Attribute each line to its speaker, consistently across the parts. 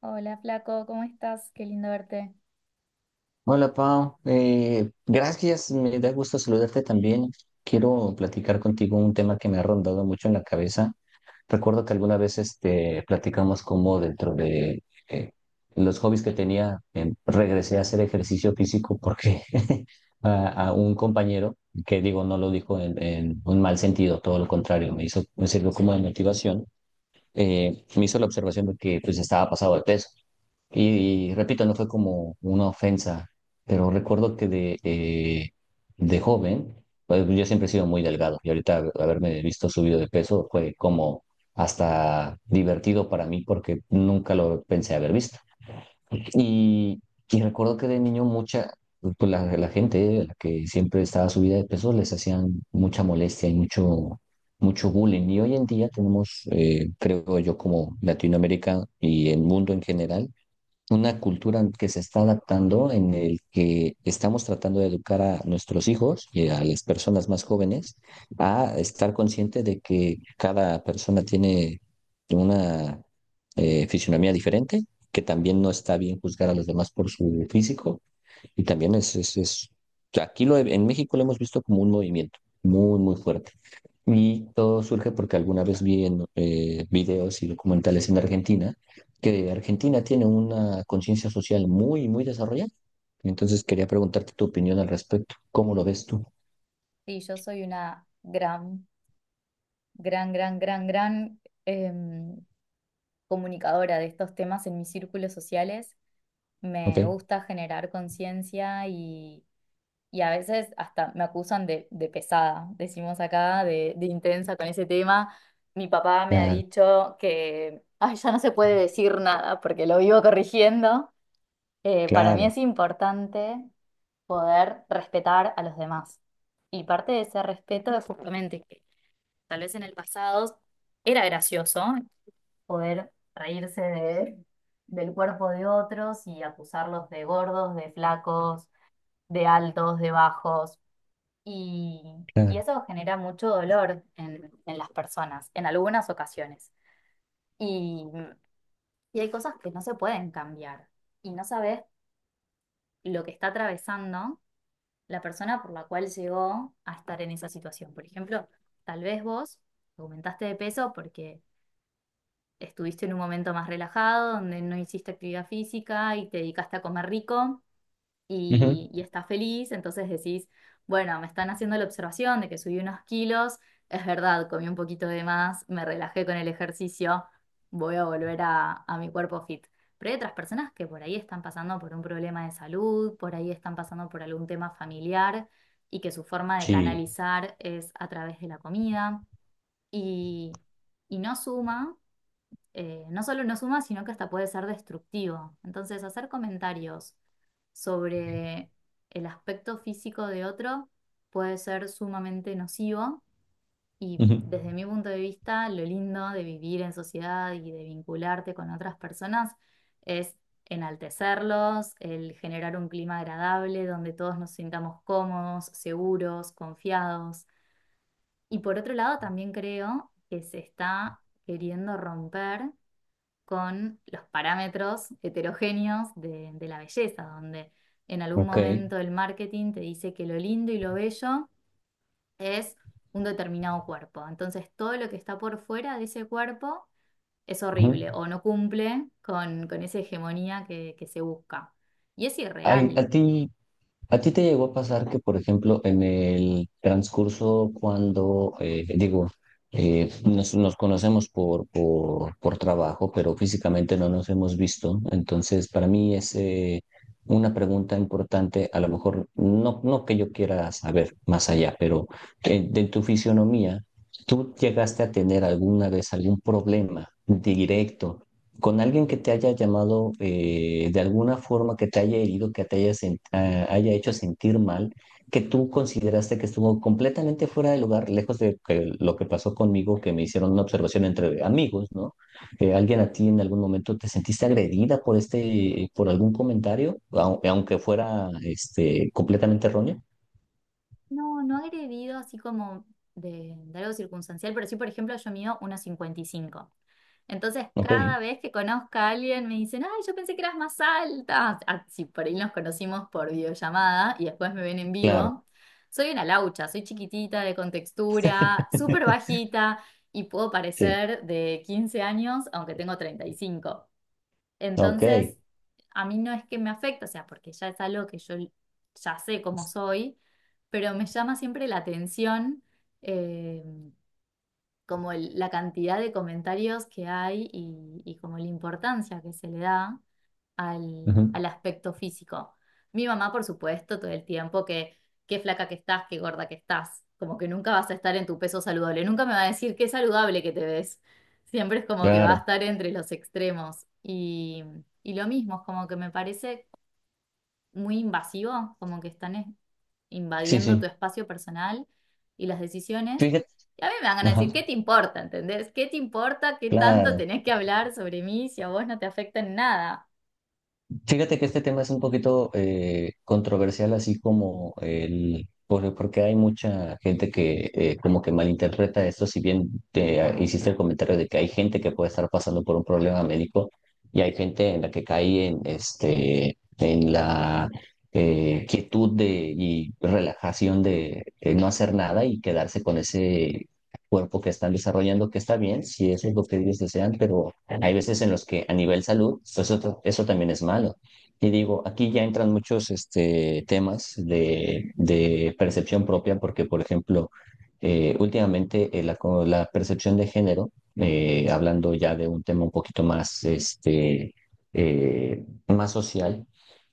Speaker 1: Hola, flaco, ¿cómo estás? Qué lindo verte.
Speaker 2: Hola Pau, gracias, me da gusto saludarte también. Quiero platicar contigo un tema que me ha rondado mucho en la cabeza. Recuerdo que alguna vez este, platicamos cómo dentro de eh, los hobbies que tenía, regresé a hacer ejercicio físico porque a un compañero, que digo, no lo dijo en un mal sentido, todo lo contrario, me hizo, me sirvió como de motivación me hizo la observación de que pues estaba pasado de peso. Y repito, no fue como una ofensa, pero recuerdo que de joven, pues, yo siempre he sido muy delgado y ahorita haberme visto subido de peso fue como hasta divertido para mí porque nunca lo pensé haber visto. Y, y recuerdo que de niño mucha, pues la gente, la que siempre estaba subida de peso, les hacían mucha molestia y mucho bullying. Y hoy en día tenemos, creo yo, como Latinoamérica y el mundo en general, una cultura que se está adaptando en el que estamos tratando de educar a nuestros hijos y a las personas más jóvenes a estar consciente de que cada persona tiene una fisionomía diferente, que también no está bien juzgar a los demás por su físico y también aquí en México lo hemos visto como un movimiento muy fuerte. Y todo surge porque alguna vez vi en videos y documentales en Argentina que Argentina tiene una conciencia social muy desarrollada. Entonces quería preguntarte tu opinión al respecto. ¿Cómo lo ves tú?
Speaker 1: Sí, yo soy una gran, gran, gran, gran, gran comunicadora de estos temas en mis círculos sociales. Me
Speaker 2: Ok.
Speaker 1: gusta generar conciencia y a veces hasta me acusan de pesada, decimos acá, de intensa con ese tema. Mi papá me ha
Speaker 2: Claro,
Speaker 1: dicho que, ay, ya no se puede decir nada porque lo vivo corrigiendo. Para mí es
Speaker 2: claro,
Speaker 1: importante poder respetar a los demás. Y parte de ese respeto es justamente que tal vez en el pasado era gracioso poder reírse del cuerpo de otros y acusarlos de gordos, de flacos, de altos, de bajos. Y, y
Speaker 2: claro.
Speaker 1: eso genera mucho dolor en las personas, en algunas ocasiones. Y, y hay cosas que no se pueden cambiar. Y no sabes lo que está atravesando la persona por la cual llegó a estar en esa situación. Por ejemplo, tal vez vos aumentaste de peso porque estuviste en un momento más relajado, donde no hiciste actividad física y te dedicaste a comer rico
Speaker 2: Ujú.
Speaker 1: y estás feliz, entonces decís, bueno, me están haciendo la observación de que subí unos kilos, es verdad, comí un poquito de más, me relajé con el ejercicio, voy a volver a mi cuerpo fit. Pero hay otras personas que por ahí están pasando por un problema de salud, por ahí están pasando por algún tema familiar y que su forma de
Speaker 2: Sí.
Speaker 1: canalizar es a través de la comida y, y no suma no solo no suma, sino que hasta puede ser destructivo. Entonces, hacer comentarios sobre el aspecto físico de otro puede ser sumamente nocivo y
Speaker 2: Ujú.
Speaker 1: desde mi punto de vista, lo lindo de vivir en sociedad y de vincularte con otras personas es enaltecerlos, el generar un clima agradable donde todos nos sintamos cómodos, seguros, confiados. Y por otro lado, también creo que se está queriendo romper con los parámetros heterogéneos de la belleza, donde en algún
Speaker 2: Ok.
Speaker 1: momento el marketing te dice que lo lindo y lo bello es un determinado cuerpo. Entonces todo lo que está por fuera de ese cuerpo es
Speaker 2: Ujú.
Speaker 1: horrible o no cumple con esa hegemonía que se busca. Y es
Speaker 2: Ay,
Speaker 1: irreal.
Speaker 2: ¿A ti te llegó a pasar que, por ejemplo, en el transcurso cuando, digo, nos conocemos por trabajo, pero físicamente no nos hemos visto? Entonces, para mí es una pregunta importante, a lo mejor no, no que yo quiera saber más allá, pero de tu fisionomía, ¿tú llegaste a tener alguna vez algún problema directo con alguien que te haya llamado de alguna forma, que te haya herido, que te haya, haya hecho sentir mal, que tú consideraste que estuvo completamente fuera de lugar, lejos de lo que pasó conmigo, que me hicieron una observación entre amigos, ¿no? Alguien, a ti en algún momento, ¿te sentiste agredida por este, por algún comentario, aunque fuera este, completamente erróneo?
Speaker 1: No, no agredido así como de algo circunstancial, pero sí, por ejemplo, yo mido 1,55. Entonces,
Speaker 2: Ok,
Speaker 1: cada vez que conozco a alguien me dicen, ay, yo pensé que eras más alta. Ah, si por ahí nos conocimos por videollamada y después me ven en
Speaker 2: claro,
Speaker 1: vivo, soy una laucha, soy chiquitita, de contextura, súper bajita y puedo
Speaker 2: sí,
Speaker 1: parecer de 15 años, aunque tengo 35.
Speaker 2: ok,
Speaker 1: Entonces, a mí no es que me afecte, o sea, porque ya es algo que yo ya sé cómo soy, pero me llama siempre la atención eh, como la cantidad de comentarios que hay y como la importancia que se le da al,
Speaker 2: ujú,
Speaker 1: al aspecto físico. Mi mamá, por supuesto, todo el tiempo que qué flaca que estás, qué gorda que estás, como que nunca vas a estar en tu peso saludable, nunca me va a decir qué saludable que te ves. Siempre es como que va a
Speaker 2: claro,
Speaker 1: estar entre los extremos. Y lo mismo, es como que me parece muy invasivo, como que están
Speaker 2: sí,
Speaker 1: invadiendo
Speaker 2: sí,
Speaker 1: tu espacio personal y las decisiones.
Speaker 2: fíjate,
Speaker 1: Y a mí me van a
Speaker 2: ajá,
Speaker 1: decir, ¿qué te importa? ¿Entendés? ¿Qué te importa? ¿Qué tanto
Speaker 2: claro.
Speaker 1: tenés que hablar sobre mí si a vos no te afecta en nada?
Speaker 2: Fíjate que este tema es un poquito controversial, así como el, porque hay mucha gente que como que malinterpreta esto, si bien hiciste el comentario de que hay gente que puede estar pasando por un problema médico y hay gente en la que cae en, este, en la quietud de, y relajación de no hacer nada y quedarse con ese cuerpo que están desarrollando, que está bien, si eso es lo que ellos desean, pero hay veces en los que a nivel salud, pues eso también es malo. Y digo, aquí ya entran muchos este, temas de percepción propia, porque, por ejemplo, últimamente la percepción de género, hablando ya de un tema un poquito más, este, más social,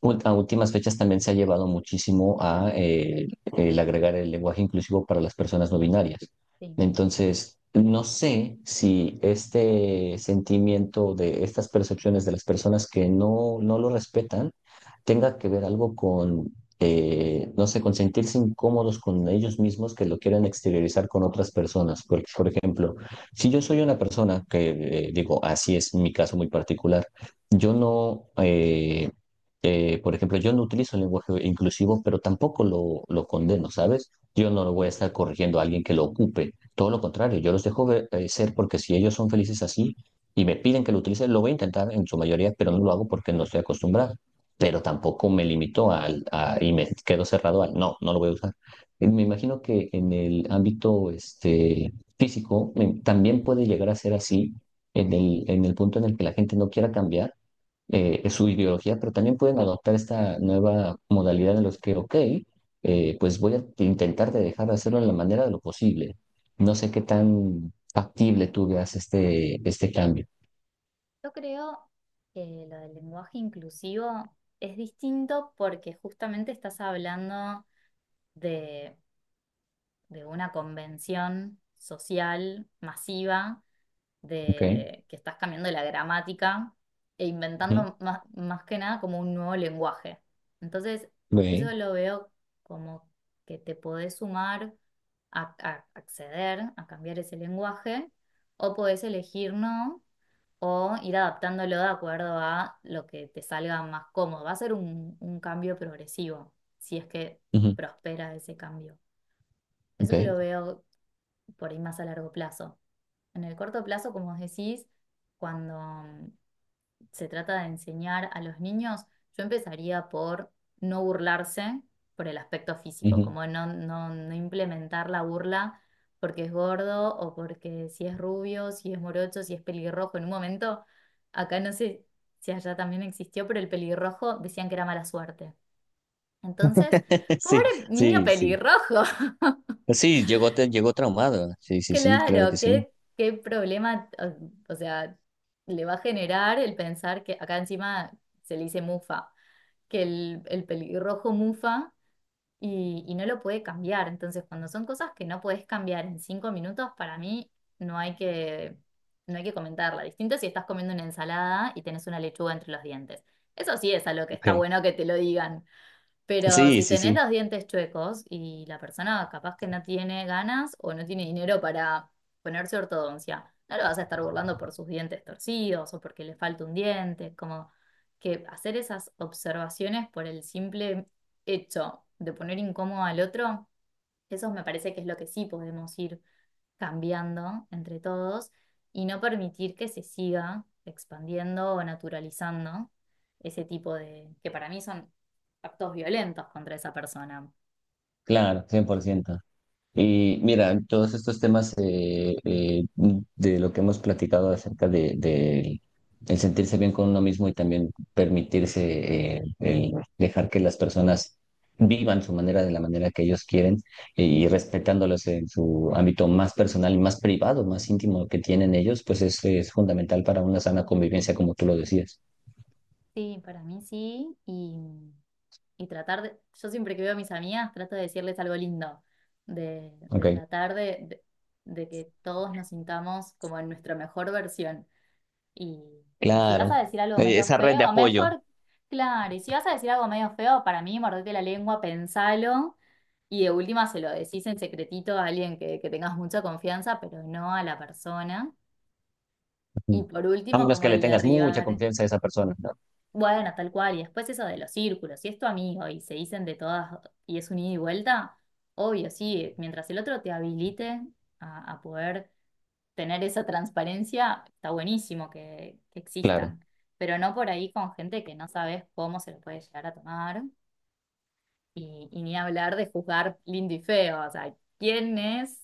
Speaker 2: a últimas fechas también se ha llevado muchísimo a el agregar el lenguaje inclusivo para las personas no binarias.
Speaker 1: Sí,
Speaker 2: Entonces, no sé si este sentimiento de estas percepciones de las personas que no, no lo respetan tenga que ver algo con, no sé, con sentirse incómodos con ellos mismos que lo quieran exteriorizar con otras personas. Porque, por ejemplo, si yo soy una persona que, digo, así es mi caso muy particular, yo por ejemplo, yo no utilizo el lenguaje inclusivo, pero tampoco lo condeno, ¿sabes? Yo no lo voy a
Speaker 1: sí.
Speaker 2: estar corrigiendo a alguien que lo ocupe. Todo lo contrario, yo los dejo ser porque si ellos son felices así y me piden que lo utilice, lo voy a intentar en su mayoría, pero no lo hago porque no estoy acostumbrado. Pero tampoco me limito y me quedo cerrado al, no, no lo voy a usar. Me imagino que en el ámbito este, físico también puede llegar a ser así en en el punto en el que la gente no quiera cambiar es su ideología, pero también pueden adoptar esta nueva modalidad en los que, ok, pues voy a intentar de dejar de hacerlo de la manera de lo posible. No sé qué tan factible tú veas este cambio.
Speaker 1: Yo creo que lo del lenguaje inclusivo es distinto porque justamente estás hablando de, de una convención social masiva
Speaker 2: Ok.
Speaker 1: de que estás cambiando la gramática e
Speaker 2: Ujú,
Speaker 1: inventando más que nada como un nuevo lenguaje. Entonces,
Speaker 2: ve,
Speaker 1: eso lo veo como que te podés sumar a acceder a cambiar ese lenguaje o podés elegir no o ir adaptándolo de acuerdo a lo que te salga más cómodo. Va a ser un cambio progresivo, si es que
Speaker 2: ujú,
Speaker 1: prospera ese cambio. Eso
Speaker 2: ok,
Speaker 1: lo veo por ahí más a largo plazo. En el corto plazo, como os decís, cuando se trata de enseñar a los niños, yo empezaría por no burlarse por el aspecto físico,
Speaker 2: ujú.
Speaker 1: como no, no, no implementar la burla porque es gordo o porque si es rubio, si es morocho, si es pelirrojo. En un momento, acá no sé si allá también existió, pero el pelirrojo decían que era mala suerte. Entonces,
Speaker 2: Sí,
Speaker 1: pobre niño
Speaker 2: sí, sí.
Speaker 1: pelirrojo,
Speaker 2: Sí, llegó, llegó traumado. Sí, sí, sí, claro
Speaker 1: claro,
Speaker 2: que sí.
Speaker 1: qué problema, o sea, le va a generar el pensar que acá encima se le dice mufa que el pelirrojo mufa y no lo puede cambiar. Entonces, cuando son cosas que no puedes cambiar en 5 minutos, para mí no hay que, no hay que comentarla. Distinto si estás comiendo una ensalada y tenés una lechuga entre los dientes. Eso sí es a lo que está
Speaker 2: Ok.
Speaker 1: bueno que te lo digan, pero
Speaker 2: Sí,
Speaker 1: si
Speaker 2: sí,
Speaker 1: tenés
Speaker 2: sí,
Speaker 1: los dientes chuecos y la persona capaz que no tiene ganas o no tiene dinero para ponerse ortodoncia, no lo vas a estar burlando por sus dientes torcidos o porque le falta un diente, como que hacer esas observaciones por el simple hecho de poner incómodo al otro, eso me parece que es lo que sí podemos ir cambiando entre todos y no permitir que se siga expandiendo o naturalizando ese tipo de, que para mí son actos violentos contra esa persona.
Speaker 2: claro, 100%. Y mira, todos estos temas de lo que hemos platicado acerca de el sentirse bien con uno mismo y también permitirse el dejar que las personas vivan su manera de la manera que ellos quieren y respetándolos en su ámbito más personal y más privado, más íntimo que tienen ellos, pues es fundamental para una sana convivencia, como tú lo decías.
Speaker 1: Sí, para mí sí, y tratar de, yo siempre que veo a mis amigas trato de decirles algo lindo, de,
Speaker 2: Ok,
Speaker 1: de tratar de de que todos nos sintamos como en nuestra mejor versión. Y, y si vas a
Speaker 2: claro.
Speaker 1: decir algo
Speaker 2: Eh,
Speaker 1: medio feo,
Speaker 2: yo.
Speaker 1: mejor, claro, y si vas a decir algo medio feo, para mí, mordete la lengua, pensalo, y de última se lo decís en secretito a alguien que tengas mucha confianza, pero no a la persona. Y
Speaker 2: Ujú.
Speaker 1: por
Speaker 2: A
Speaker 1: último,
Speaker 2: menos
Speaker 1: como
Speaker 2: que le
Speaker 1: el
Speaker 2: tengas mucha
Speaker 1: derribar,
Speaker 2: confianza a esa persona, ¿no?
Speaker 1: bueno, tal cual, y después eso de los círculos, si es tu amigo y se dicen de todas y es un ida y vuelta, obvio, sí, mientras el otro te habilite a poder tener esa transparencia está buenísimo que
Speaker 2: Claro,
Speaker 1: existan, pero no por ahí con gente que no sabes cómo se lo puede llegar a tomar y ni hablar de juzgar lindo y feo, o sea, ¿quién es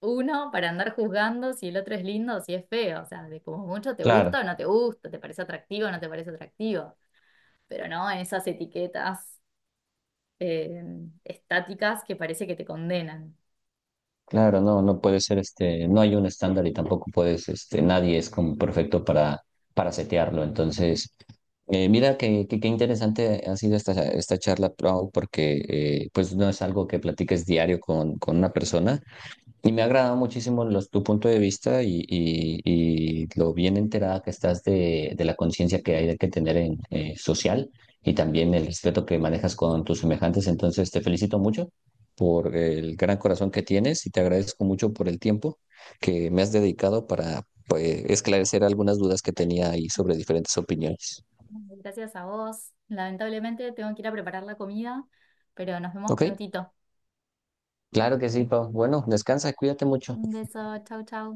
Speaker 1: uno para andar juzgando si el otro es lindo o si es feo? O sea, de como mucho te
Speaker 2: claro.
Speaker 1: gusta o no te gusta, te parece atractivo o no te parece atractivo, pero no en esas etiquetas eh, estáticas que parece que te condenan.
Speaker 2: Claro, no, no puede ser este, no hay un estándar y tampoco puedes, este, nadie es como perfecto para setearlo. Entonces, mira que, qué interesante ha sido esta charla, Pau, porque pues no es algo que platiques diario con una persona y me agrada muchísimo tu punto de vista y, y lo bien enterada que estás de la conciencia que hay que tener en social y también el respeto que manejas con tus semejantes. Entonces, te felicito mucho por el gran corazón que tienes y te agradezco mucho por el tiempo que me has dedicado para pues, esclarecer algunas dudas que tenía ahí sobre diferentes opiniones.
Speaker 1: Gracias a vos. Lamentablemente tengo que ir a preparar la comida, pero nos vemos
Speaker 2: ¿Ok?
Speaker 1: prontito.
Speaker 2: Claro que sí, Pau. Bueno, descansa, cuídate mucho.
Speaker 1: Un beso, chau, chau.